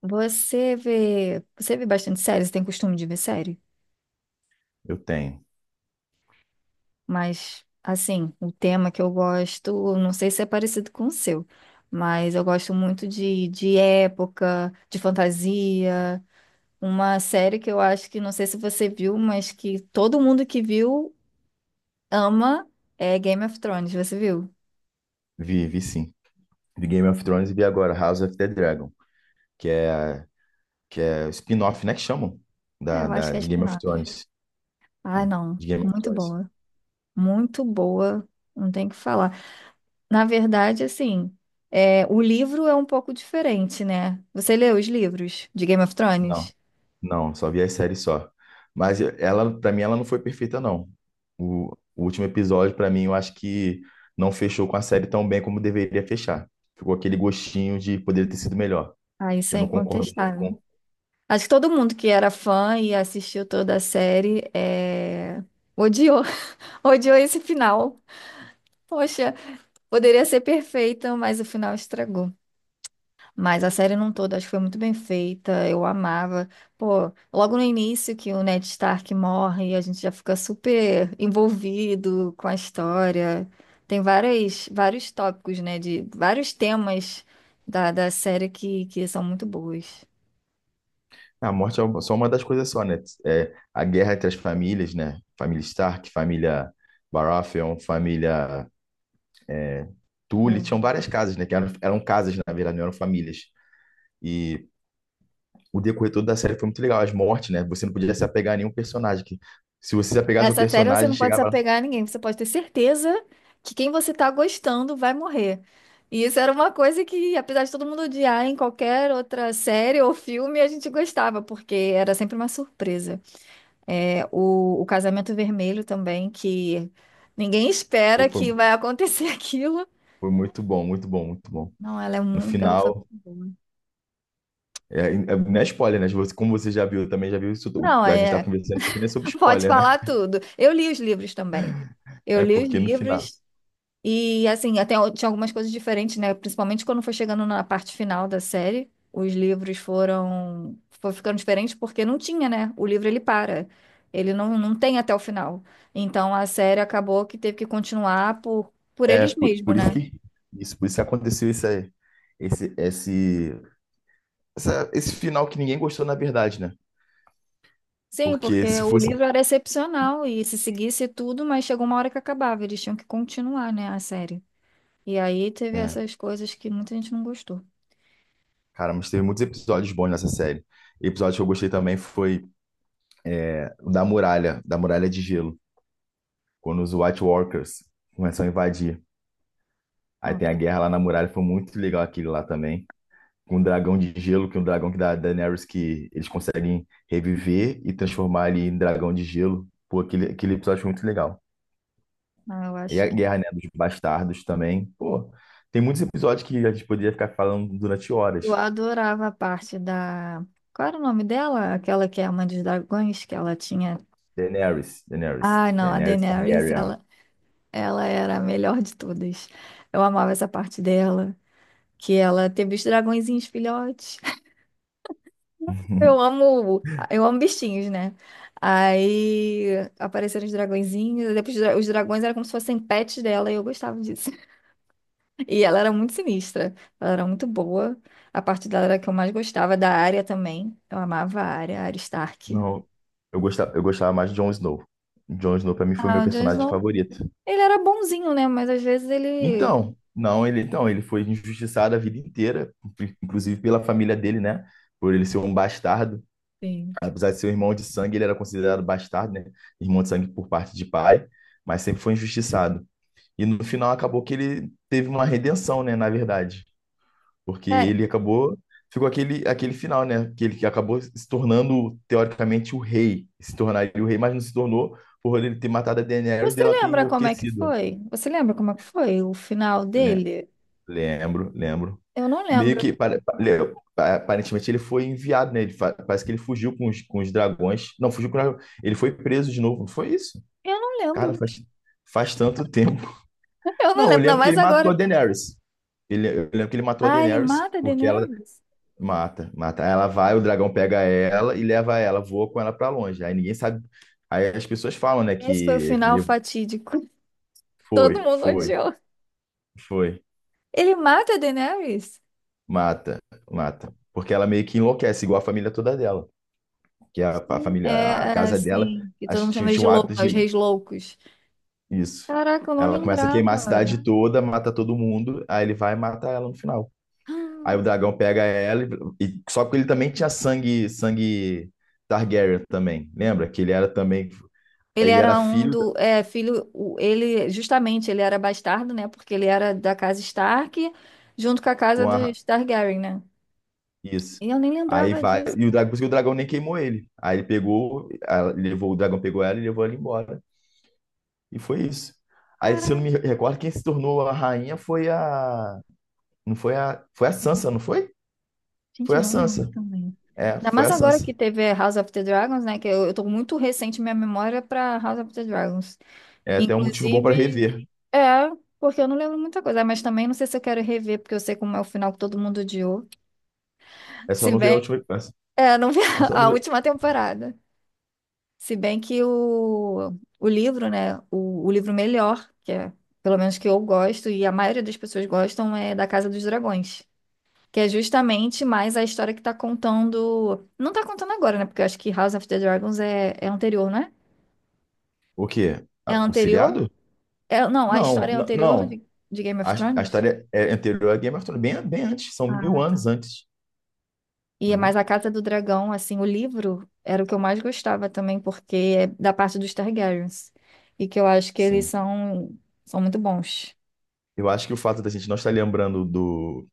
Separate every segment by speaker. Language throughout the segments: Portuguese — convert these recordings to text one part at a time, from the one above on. Speaker 1: Você vê bastante série, você tem costume de ver série?
Speaker 2: Eu tenho.
Speaker 1: Mas, assim, o tema que eu gosto, não sei se é parecido com o seu, mas eu gosto muito de época, de fantasia. Uma série que eu acho que, não sei se você viu, mas que todo mundo que viu ama é Game of Thrones, você viu?
Speaker 2: Vi, sim. Vi Game of Thrones e vi agora House of the Dragon, que é, que é o spin-off, né, que chamam,
Speaker 1: É, eu acho que é
Speaker 2: de Game of
Speaker 1: spin-off.
Speaker 2: Thrones.
Speaker 1: Ah,
Speaker 2: Né?
Speaker 1: não,
Speaker 2: De Game of Thrones.
Speaker 1: muito boa, não tem o que falar. Na verdade, assim, é, o livro é um pouco diferente, né? Você leu os livros de Game of
Speaker 2: Não,
Speaker 1: Thrones?
Speaker 2: não, só vi as séries só. Mas ela, pra mim, ela não foi perfeita, não. O, o último episódio, pra mim, eu acho que não fechou com a série tão bem como deveria fechar. Ficou aquele gostinho de poder ter sido melhor.
Speaker 1: Ah, isso
Speaker 2: Eu
Speaker 1: é
Speaker 2: não concordo muito.
Speaker 1: incontestável. Acho que todo mundo que era fã e assistiu toda a série odiou, odiou esse final. Poxa, poderia ser perfeito, mas o final estragou. Mas a série não toda, acho que foi muito bem feita, eu amava. Pô, logo no início que o Ned Stark morre, a gente já fica super envolvido com a história. Tem várias, vários tópicos, né, de vários temas da série que são muito boas.
Speaker 2: A morte é só uma das coisas só, né? É, a guerra entre as famílias, né? Família Stark, família Baratheon, família Tully, tinham
Speaker 1: É.
Speaker 2: várias casas, né? Que eram casas, na verdade, não eram famílias. E o decorrer todo da série foi muito legal. As mortes, né? Você não podia se apegar a nenhum personagem. Que, se você se apegasse ao
Speaker 1: Essa série você
Speaker 2: personagem,
Speaker 1: não pode se
Speaker 2: chegava lá.
Speaker 1: apegar a ninguém, você pode ter certeza que quem você tá gostando vai morrer. E isso era uma coisa que, apesar de todo mundo odiar em qualquer outra série ou filme, a gente gostava, porque era sempre uma surpresa. É, o Casamento Vermelho também, que ninguém
Speaker 2: Pô,
Speaker 1: espera que vai acontecer aquilo.
Speaker 2: Foi muito bom, muito bom, muito bom.
Speaker 1: Não, ela é
Speaker 2: No
Speaker 1: muito, ela foi
Speaker 2: final,
Speaker 1: muito boa.
Speaker 2: não é spoiler, né? Como você já viu, eu também já viu isso tudo.
Speaker 1: Não,
Speaker 2: A gente tá
Speaker 1: é,
Speaker 2: conversando isso aqui, não é sobre
Speaker 1: pode
Speaker 2: spoiler, né?
Speaker 1: falar tudo. Eu li os livros também. Eu
Speaker 2: É
Speaker 1: li os
Speaker 2: porque no final.
Speaker 1: livros. E assim, tinha algumas coisas diferentes, né? Principalmente quando foi chegando na parte final da série, os livros foram, foi ficando diferentes porque não tinha, né? O livro ele para. Ele não, não tem até o final. Então a série acabou que teve que continuar por
Speaker 2: É,
Speaker 1: eles mesmos,
Speaker 2: por isso
Speaker 1: né?
Speaker 2: que isso, por isso que aconteceu isso aí. Esse, esse, esse final que ninguém gostou, na verdade, né?
Speaker 1: Sim, porque
Speaker 2: Porque se
Speaker 1: o
Speaker 2: fosse.
Speaker 1: livro era excepcional e se seguisse tudo, mas chegou uma hora que acabava, eles tinham que continuar, né, a série. E aí teve
Speaker 2: É,
Speaker 1: essas coisas que muita gente não gostou.
Speaker 2: cara, mas teve muitos episódios bons nessa série. Episódio que eu gostei também foi o da muralha de gelo, quando os White Walkers começam a invadir. Aí
Speaker 1: Então,
Speaker 2: tem a
Speaker 1: tô-
Speaker 2: guerra lá na muralha, foi muito legal aquele lá também. Com o dragão de gelo, que é um dragão que da Daenerys que eles conseguem reviver e transformar ele em dragão de gelo. Pô, aquele episódio foi muito legal.
Speaker 1: eu
Speaker 2: E
Speaker 1: acho
Speaker 2: a
Speaker 1: que
Speaker 2: Guerra, né, dos Bastardos também. Pô, tem muitos episódios que a gente poderia ficar falando durante
Speaker 1: eu
Speaker 2: horas.
Speaker 1: adorava a parte da. Qual era o nome dela? Aquela que é a mãe dos dragões, que ela tinha. Ah, não, a
Speaker 2: Daenerys
Speaker 1: Daenerys,
Speaker 2: Targaryen.
Speaker 1: ela era a melhor de todas. Eu amava essa parte dela, que ela teve os dragõezinhos filhotes. Eu amo bichinhos, né? Aí apareceram os dragõezinhos, depois os dragões eram como se fossem pets dela, e eu gostava disso. E ela era muito sinistra, ela era muito boa. A parte dela era a que eu mais gostava, da área também. Eu amava a área, a Arya Stark.
Speaker 2: Não, eu gostava mais de Jon Snow. Jon Snow pra mim foi meu
Speaker 1: Ah, o Jon
Speaker 2: personagem
Speaker 1: Snow,
Speaker 2: favorito.
Speaker 1: ele era bonzinho, né? Mas às vezes ele.
Speaker 2: Então, não, ele foi injustiçado a vida inteira, inclusive pela família dele, né? Por ele ser um bastardo,
Speaker 1: Sim.
Speaker 2: apesar de ser um irmão de sangue, ele era considerado bastardo, né? Irmão de sangue por parte de pai, mas sempre foi injustiçado. E no final acabou que ele teve uma redenção, né, na verdade. Porque
Speaker 1: É,
Speaker 2: ele acabou, ficou aquele final, né, que ele que acabou se tornando, teoricamente, o rei. Se tornaria o rei, mas não se tornou por ele ter matado a Daenerys e
Speaker 1: você
Speaker 2: ela ter
Speaker 1: lembra como é que
Speaker 2: enlouquecido.
Speaker 1: foi? Você lembra como é que foi o final
Speaker 2: Le-
Speaker 1: dele?
Speaker 2: Lembro, lembro.
Speaker 1: Eu não
Speaker 2: Meio
Speaker 1: lembro.
Speaker 2: que, aparentemente, ele foi enviado, né, parece que ele fugiu com os dragões. Não, fugiu com os dragões. Ele foi preso de novo, não foi isso?
Speaker 1: Eu não
Speaker 2: Cara,
Speaker 1: lembro.
Speaker 2: faz tanto tempo.
Speaker 1: Eu
Speaker 2: Não,
Speaker 1: não
Speaker 2: eu
Speaker 1: lembro, ainda
Speaker 2: lembro que
Speaker 1: mais
Speaker 2: ele matou a
Speaker 1: agora.
Speaker 2: Daenerys. Eu lembro que ele matou a
Speaker 1: Ah, ele
Speaker 2: Daenerys,
Speaker 1: mata a
Speaker 2: porque ela
Speaker 1: Daenerys?
Speaker 2: mata, mata. Aí ela vai, o dragão pega ela e leva ela, voa com ela pra longe. Aí ninguém sabe. Aí as pessoas falam, né, que
Speaker 1: Esse foi o final
Speaker 2: ele
Speaker 1: fatídico. Todo
Speaker 2: foi,
Speaker 1: mundo
Speaker 2: foi,
Speaker 1: odiou.
Speaker 2: foi,
Speaker 1: Ele mata a Daenerys?
Speaker 2: mata, mata. Porque ela meio que enlouquece, igual a família toda dela. Que a
Speaker 1: Sim.
Speaker 2: família, a casa dela,
Speaker 1: Assim, que todo
Speaker 2: acho que
Speaker 1: mundo chama ele
Speaker 2: tinha
Speaker 1: de
Speaker 2: um
Speaker 1: louco,
Speaker 2: hábito
Speaker 1: né? Os
Speaker 2: de
Speaker 1: reis loucos.
Speaker 2: isso.
Speaker 1: Caraca, eu não
Speaker 2: Ela começa a queimar a
Speaker 1: lembrava.
Speaker 2: cidade toda, mata todo mundo, aí ele vai e mata ela no final. Aí o dragão pega ela só que ele também tinha sangue Targaryen também. Lembra que ele era também,
Speaker 1: Ele
Speaker 2: ele era
Speaker 1: era um
Speaker 2: filho
Speaker 1: do filho, ele justamente ele era bastardo, né? Porque ele era da casa Stark, junto com a casa
Speaker 2: com a
Speaker 1: dos Targaryen, né?
Speaker 2: isso.
Speaker 1: E eu nem
Speaker 2: Aí
Speaker 1: lembrava
Speaker 2: vai
Speaker 1: disso.
Speaker 2: e o dragão, por isso que o dragão nem queimou ele. Aí ele pegou, levou o dragão pegou ela e levou ela embora. E foi isso. Aí se eu não me
Speaker 1: Caraca,
Speaker 2: recordo, quem se tornou a rainha foi não foi foi a Sansa, não foi?
Speaker 1: gente,
Speaker 2: Foi
Speaker 1: eu
Speaker 2: a
Speaker 1: não lembro
Speaker 2: Sansa.
Speaker 1: também.
Speaker 2: É,
Speaker 1: Ainda
Speaker 2: foi
Speaker 1: mais
Speaker 2: a
Speaker 1: agora
Speaker 2: Sansa.
Speaker 1: que teve House of the Dragons, né? Que eu tô muito recente minha memória pra House of the Dragons.
Speaker 2: É até um motivo bom para
Speaker 1: Inclusive,
Speaker 2: rever.
Speaker 1: é, porque eu não lembro muita coisa, mas também não sei se eu quero rever, porque eu sei como é o final que todo mundo odiou.
Speaker 2: É só
Speaker 1: Se
Speaker 2: não ver a
Speaker 1: bem,
Speaker 2: última,
Speaker 1: é, não vi
Speaker 2: é só não
Speaker 1: a
Speaker 2: ver.
Speaker 1: última temporada. Se bem que o livro, né? O livro melhor, que é pelo menos que eu gosto, e a maioria das pessoas gostam, é da Casa dos Dragões. Que é justamente mais a história que tá contando. Não tá contando agora, né? Porque eu acho que House of the Dragons é anterior, né?
Speaker 2: O quê?
Speaker 1: É É
Speaker 2: O
Speaker 1: anterior?
Speaker 2: seriado?
Speaker 1: É, não, a
Speaker 2: Não,
Speaker 1: história é anterior
Speaker 2: não.
Speaker 1: de Game of
Speaker 2: A
Speaker 1: Thrones.
Speaker 2: história é anterior a Game of Thrones, bem antes, são mil
Speaker 1: Ah, tá.
Speaker 2: anos antes.
Speaker 1: E é
Speaker 2: Entendeu?
Speaker 1: mais a Casa do Dragão, assim, o livro era o que eu mais gostava também, porque é da parte dos Targaryens. E que eu acho que eles
Speaker 2: Sim.
Speaker 1: são, são muito bons.
Speaker 2: Eu acho que o fato da gente não estar lembrando do,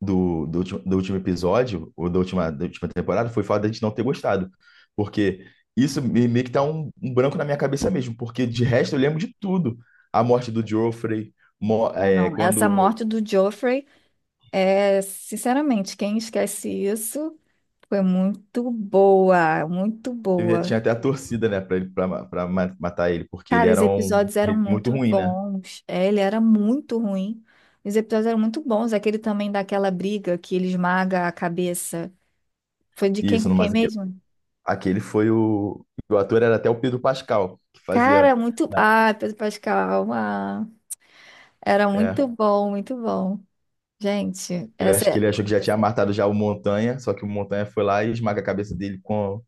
Speaker 2: do, do, ulti- do último episódio, ou da da última temporada, foi o fato da gente não ter gostado. Porque isso meio que tá um branco na minha cabeça mesmo, porque de resto eu lembro de tudo. A morte do Joffrey,
Speaker 1: Ah, não, essa
Speaker 2: quando
Speaker 1: morte do Joffrey sinceramente, quem esquece isso foi muito boa, muito boa.
Speaker 2: tinha até a torcida, né, pra, ele, pra ma- matar ele, porque ele
Speaker 1: Cara, os
Speaker 2: era um
Speaker 1: episódios eram
Speaker 2: ele muito
Speaker 1: muito
Speaker 2: ruim, né?
Speaker 1: bons. É, ele era muito ruim. Os episódios eram muito bons. Aquele também daquela briga que ele esmaga a cabeça. Foi de quem
Speaker 2: Isso,
Speaker 1: com
Speaker 2: no
Speaker 1: quem
Speaker 2: Mass.
Speaker 1: mesmo?
Speaker 2: Aquele foi o. O ator era até o Pedro Pascal, que fazia.
Speaker 1: Cara, muito.
Speaker 2: na-
Speaker 1: Ah, Pedro Pascal. Ah, era muito
Speaker 2: É,
Speaker 1: bom, muito bom. Gente,
Speaker 2: ele, acho
Speaker 1: essa,
Speaker 2: que ele achou que já tinha matado já o Montanha, só que o Montanha foi lá e esmaga a cabeça dele com,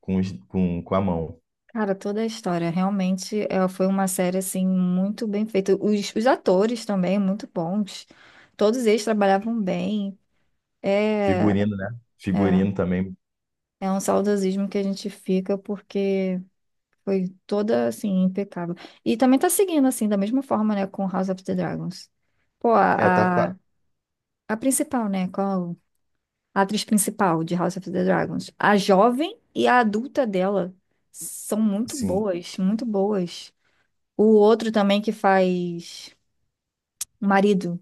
Speaker 2: com, os- com, com a mão.
Speaker 1: cara, toda a história realmente foi uma série assim muito bem feita. Os atores também muito bons. Todos eles trabalhavam bem. É,
Speaker 2: Figurino, né?
Speaker 1: é,
Speaker 2: Figurino também.
Speaker 1: é um saudosismo que a gente fica porque foi toda assim impecável. E também tá seguindo assim da mesma forma, né, com House of the Dragons. Pô,
Speaker 2: É,
Speaker 1: a,
Speaker 2: tá.
Speaker 1: a, a principal, né, qual a atriz principal de House of the Dragons, a jovem e a adulta dela são muito
Speaker 2: Sim.
Speaker 1: boas, muito boas. O outro também que faz o marido.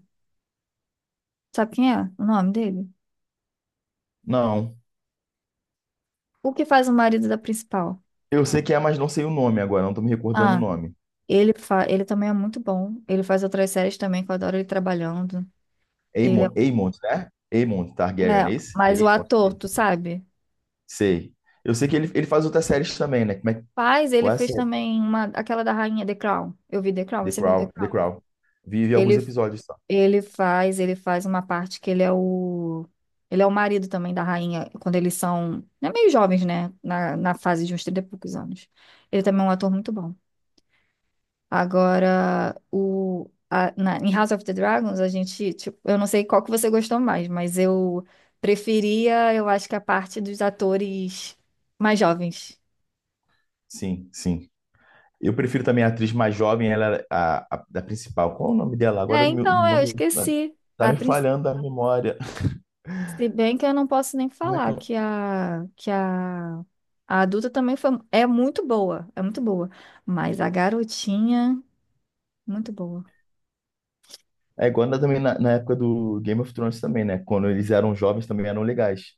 Speaker 1: Sabe quem é o nome dele?
Speaker 2: Não.
Speaker 1: O que faz o marido da principal?
Speaker 2: Eu sei que é, mas não sei o nome agora, não tô me recordando o
Speaker 1: Ah,
Speaker 2: nome.
Speaker 1: ele, fa... ele também é muito bom. Ele faz outras séries também, que eu adoro ele trabalhando. Ele é...
Speaker 2: Aemon, né? Aemon Targaryen,
Speaker 1: é,
Speaker 2: esse?
Speaker 1: mas o
Speaker 2: Aemon,
Speaker 1: ator, tu
Speaker 2: esse.
Speaker 1: sabe?
Speaker 2: Sei. Eu sei que ele faz outras séries também, né? Como é,
Speaker 1: Faz, ele
Speaker 2: qual é a
Speaker 1: fez
Speaker 2: série?
Speaker 1: também uma... aquela da Rainha The Crown. Eu vi The Crown, você viu The
Speaker 2: The
Speaker 1: Crown?
Speaker 2: Crown. Vive alguns
Speaker 1: Ele,
Speaker 2: episódios só.
Speaker 1: ele faz uma parte que ele é o. Ele é o marido também da rainha, quando eles são, né, meio jovens, né? Na fase de uns 30 e poucos anos. Ele também é um ator muito bom. Agora, em House of the Dragons, a gente, tipo, eu não sei qual que você gostou mais, mas eu preferia, eu acho que a parte dos atores mais jovens.
Speaker 2: Sim. Eu prefiro também a atriz mais jovem, ela era da principal. Qual é o nome dela? Agora
Speaker 1: É,
Speaker 2: meu, o
Speaker 1: então, é, eu
Speaker 2: nome tá,
Speaker 1: esqueci.
Speaker 2: tá
Speaker 1: A
Speaker 2: me
Speaker 1: princ-
Speaker 2: falhando a memória.
Speaker 1: se bem que eu não posso nem
Speaker 2: Como é que
Speaker 1: falar
Speaker 2: eu...
Speaker 1: que a adulta também foi, é muito boa, é muito boa. Mas a garotinha, muito boa.
Speaker 2: É igual também na época do Game of Thrones também, né? Quando eles eram jovens também eram legais.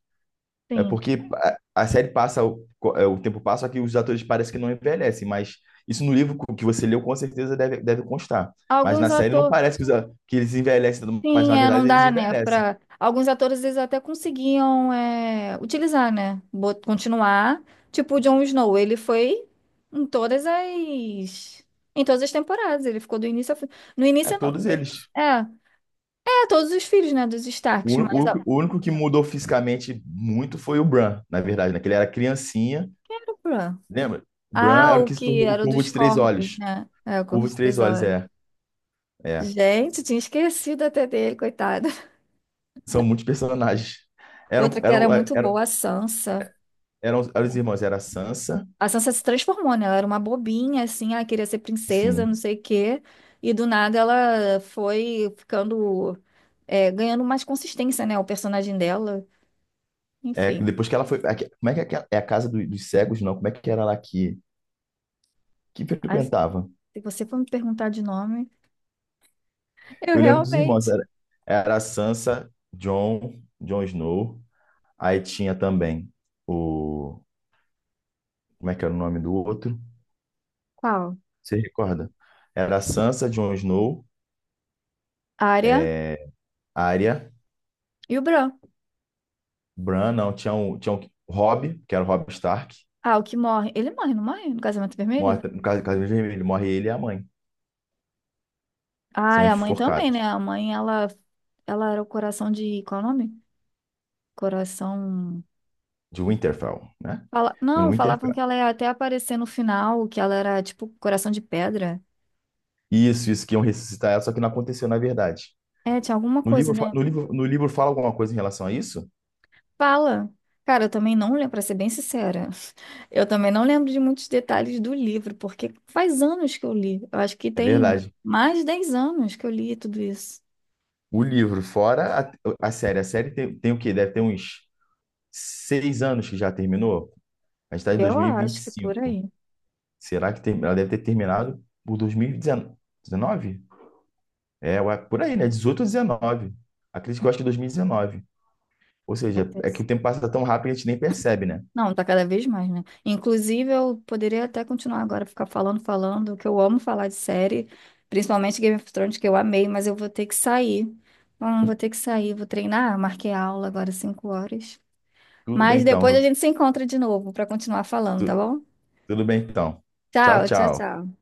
Speaker 2: É
Speaker 1: Sim.
Speaker 2: porque a série passa, o tempo passa, só que os atores parecem que não envelhecem, mas isso no livro que você leu com certeza deve constar. Mas na
Speaker 1: Alguns
Speaker 2: série não
Speaker 1: atores.
Speaker 2: parece que, que eles envelhecem, mas
Speaker 1: Sim,
Speaker 2: na
Speaker 1: é, não
Speaker 2: verdade eles
Speaker 1: dá, né?
Speaker 2: envelhecem.
Speaker 1: Para alguns atores eles até conseguiam utilizar, né? Bot- Continuar. Tipo o Jon Snow, ele foi em todas as em todas as temporadas, ele ficou do início ao fim. No
Speaker 2: É
Speaker 1: início não,
Speaker 2: todos eles.
Speaker 1: é, é todos os filhos, né, dos Starks,
Speaker 2: O, ú-
Speaker 1: mas ó,
Speaker 2: o único que mudou fisicamente muito foi o Bran, na verdade, né? Que ele era criancinha,
Speaker 1: quem era o Bran?
Speaker 2: lembra? O Bran
Speaker 1: Ah,
Speaker 2: era o
Speaker 1: o
Speaker 2: que se
Speaker 1: que
Speaker 2: tornou o
Speaker 1: era o
Speaker 2: Curvo
Speaker 1: dos
Speaker 2: de Três
Speaker 1: Corvos,
Speaker 2: Olhos.
Speaker 1: né? É, o
Speaker 2: Curvo
Speaker 1: Corvos
Speaker 2: de Três
Speaker 1: Três
Speaker 2: Olhos,
Speaker 1: Olhos.
Speaker 2: é. É.
Speaker 1: Gente, tinha esquecido até dele, coitado.
Speaker 2: São muitos personagens.
Speaker 1: Outra
Speaker 2: Eram,
Speaker 1: que era
Speaker 2: eram, é,
Speaker 1: muito
Speaker 2: eram,
Speaker 1: boa, a Sansa.
Speaker 2: eram os irmãos, era a Sansa,
Speaker 1: A Sansa se transformou, né? Ela era uma bobinha, assim, ela queria ser princesa, não
Speaker 2: sim.
Speaker 1: sei o quê. E do nada ela foi ficando, é, ganhando mais consistência, né? O personagem dela.
Speaker 2: É,
Speaker 1: Enfim,
Speaker 2: depois que ela foi. Como é que é, é a casa dos cegos, não? Como é que era lá que
Speaker 1: as-
Speaker 2: frequentava?
Speaker 1: se você for me perguntar de nome, eu
Speaker 2: Eu lembro dos irmãos,
Speaker 1: realmente.
Speaker 2: era a Jon Snow. Aí tinha também o. Como é que era o nome do outro?
Speaker 1: Qual?
Speaker 2: Você recorda? Era a Sansa,
Speaker 1: Arya
Speaker 2: é, Arya,
Speaker 1: e o Bran.
Speaker 2: Bran, não, tinha um Robb, que era o Robb Stark.
Speaker 1: Ah, o que morre. Ele morre, não morre? No Casamento Vermelho?
Speaker 2: Morre, no caso vermelho, morre ele e a mãe, que
Speaker 1: Ah,
Speaker 2: são
Speaker 1: e a mãe também, né?
Speaker 2: enforcados,
Speaker 1: A mãe, ela era o coração de. Qual é o nome? Coração.
Speaker 2: de Winterfell, né?
Speaker 1: Fala...
Speaker 2: No
Speaker 1: Não, falavam
Speaker 2: Winterfell.
Speaker 1: que ela ia até aparecer no final, que ela era tipo coração de pedra.
Speaker 2: Isso, que iam ressuscitar ela, só que não aconteceu na verdade.
Speaker 1: É, tinha alguma
Speaker 2: No
Speaker 1: coisa,
Speaker 2: livro,
Speaker 1: né?
Speaker 2: no livro fala alguma coisa em relação a isso?
Speaker 1: Fala. Cara, eu também não lembro, pra ser bem sincera. Eu também não lembro de muitos detalhes do livro, porque faz anos que eu li. Eu acho que
Speaker 2: É
Speaker 1: tem
Speaker 2: verdade.
Speaker 1: mais de 10 anos que eu li tudo isso.
Speaker 2: O livro, fora a série. A série tem, tem o quê? Deve ter uns 6 anos que já terminou. A gente está em dois
Speaker 1: Eu
Speaker 2: mil e vinte e
Speaker 1: acho que por
Speaker 2: cinco.
Speaker 1: aí.
Speaker 2: Será que ela deve ter terminado por 2019? É, ué, por aí, né? 18 ou 19. Acredito que eu acho que 2019. Ou seja, é que o tempo passa tão rápido que a gente nem percebe, né?
Speaker 1: Não, tá cada vez mais, né? Inclusive, eu poderia até continuar agora, ficar falando, falando, que eu amo falar de série, principalmente Game of Thrones, que eu amei, mas eu vou ter que sair. Vou ter que sair, vou treinar, marquei aula agora 5 horas.
Speaker 2: Tudo bem
Speaker 1: Mas depois a
Speaker 2: então.
Speaker 1: gente se encontra de novo para continuar falando, tá
Speaker 2: Tu-
Speaker 1: bom?
Speaker 2: Tudo bem então.
Speaker 1: Tchau, tchau,
Speaker 2: Tchau.
Speaker 1: tchau.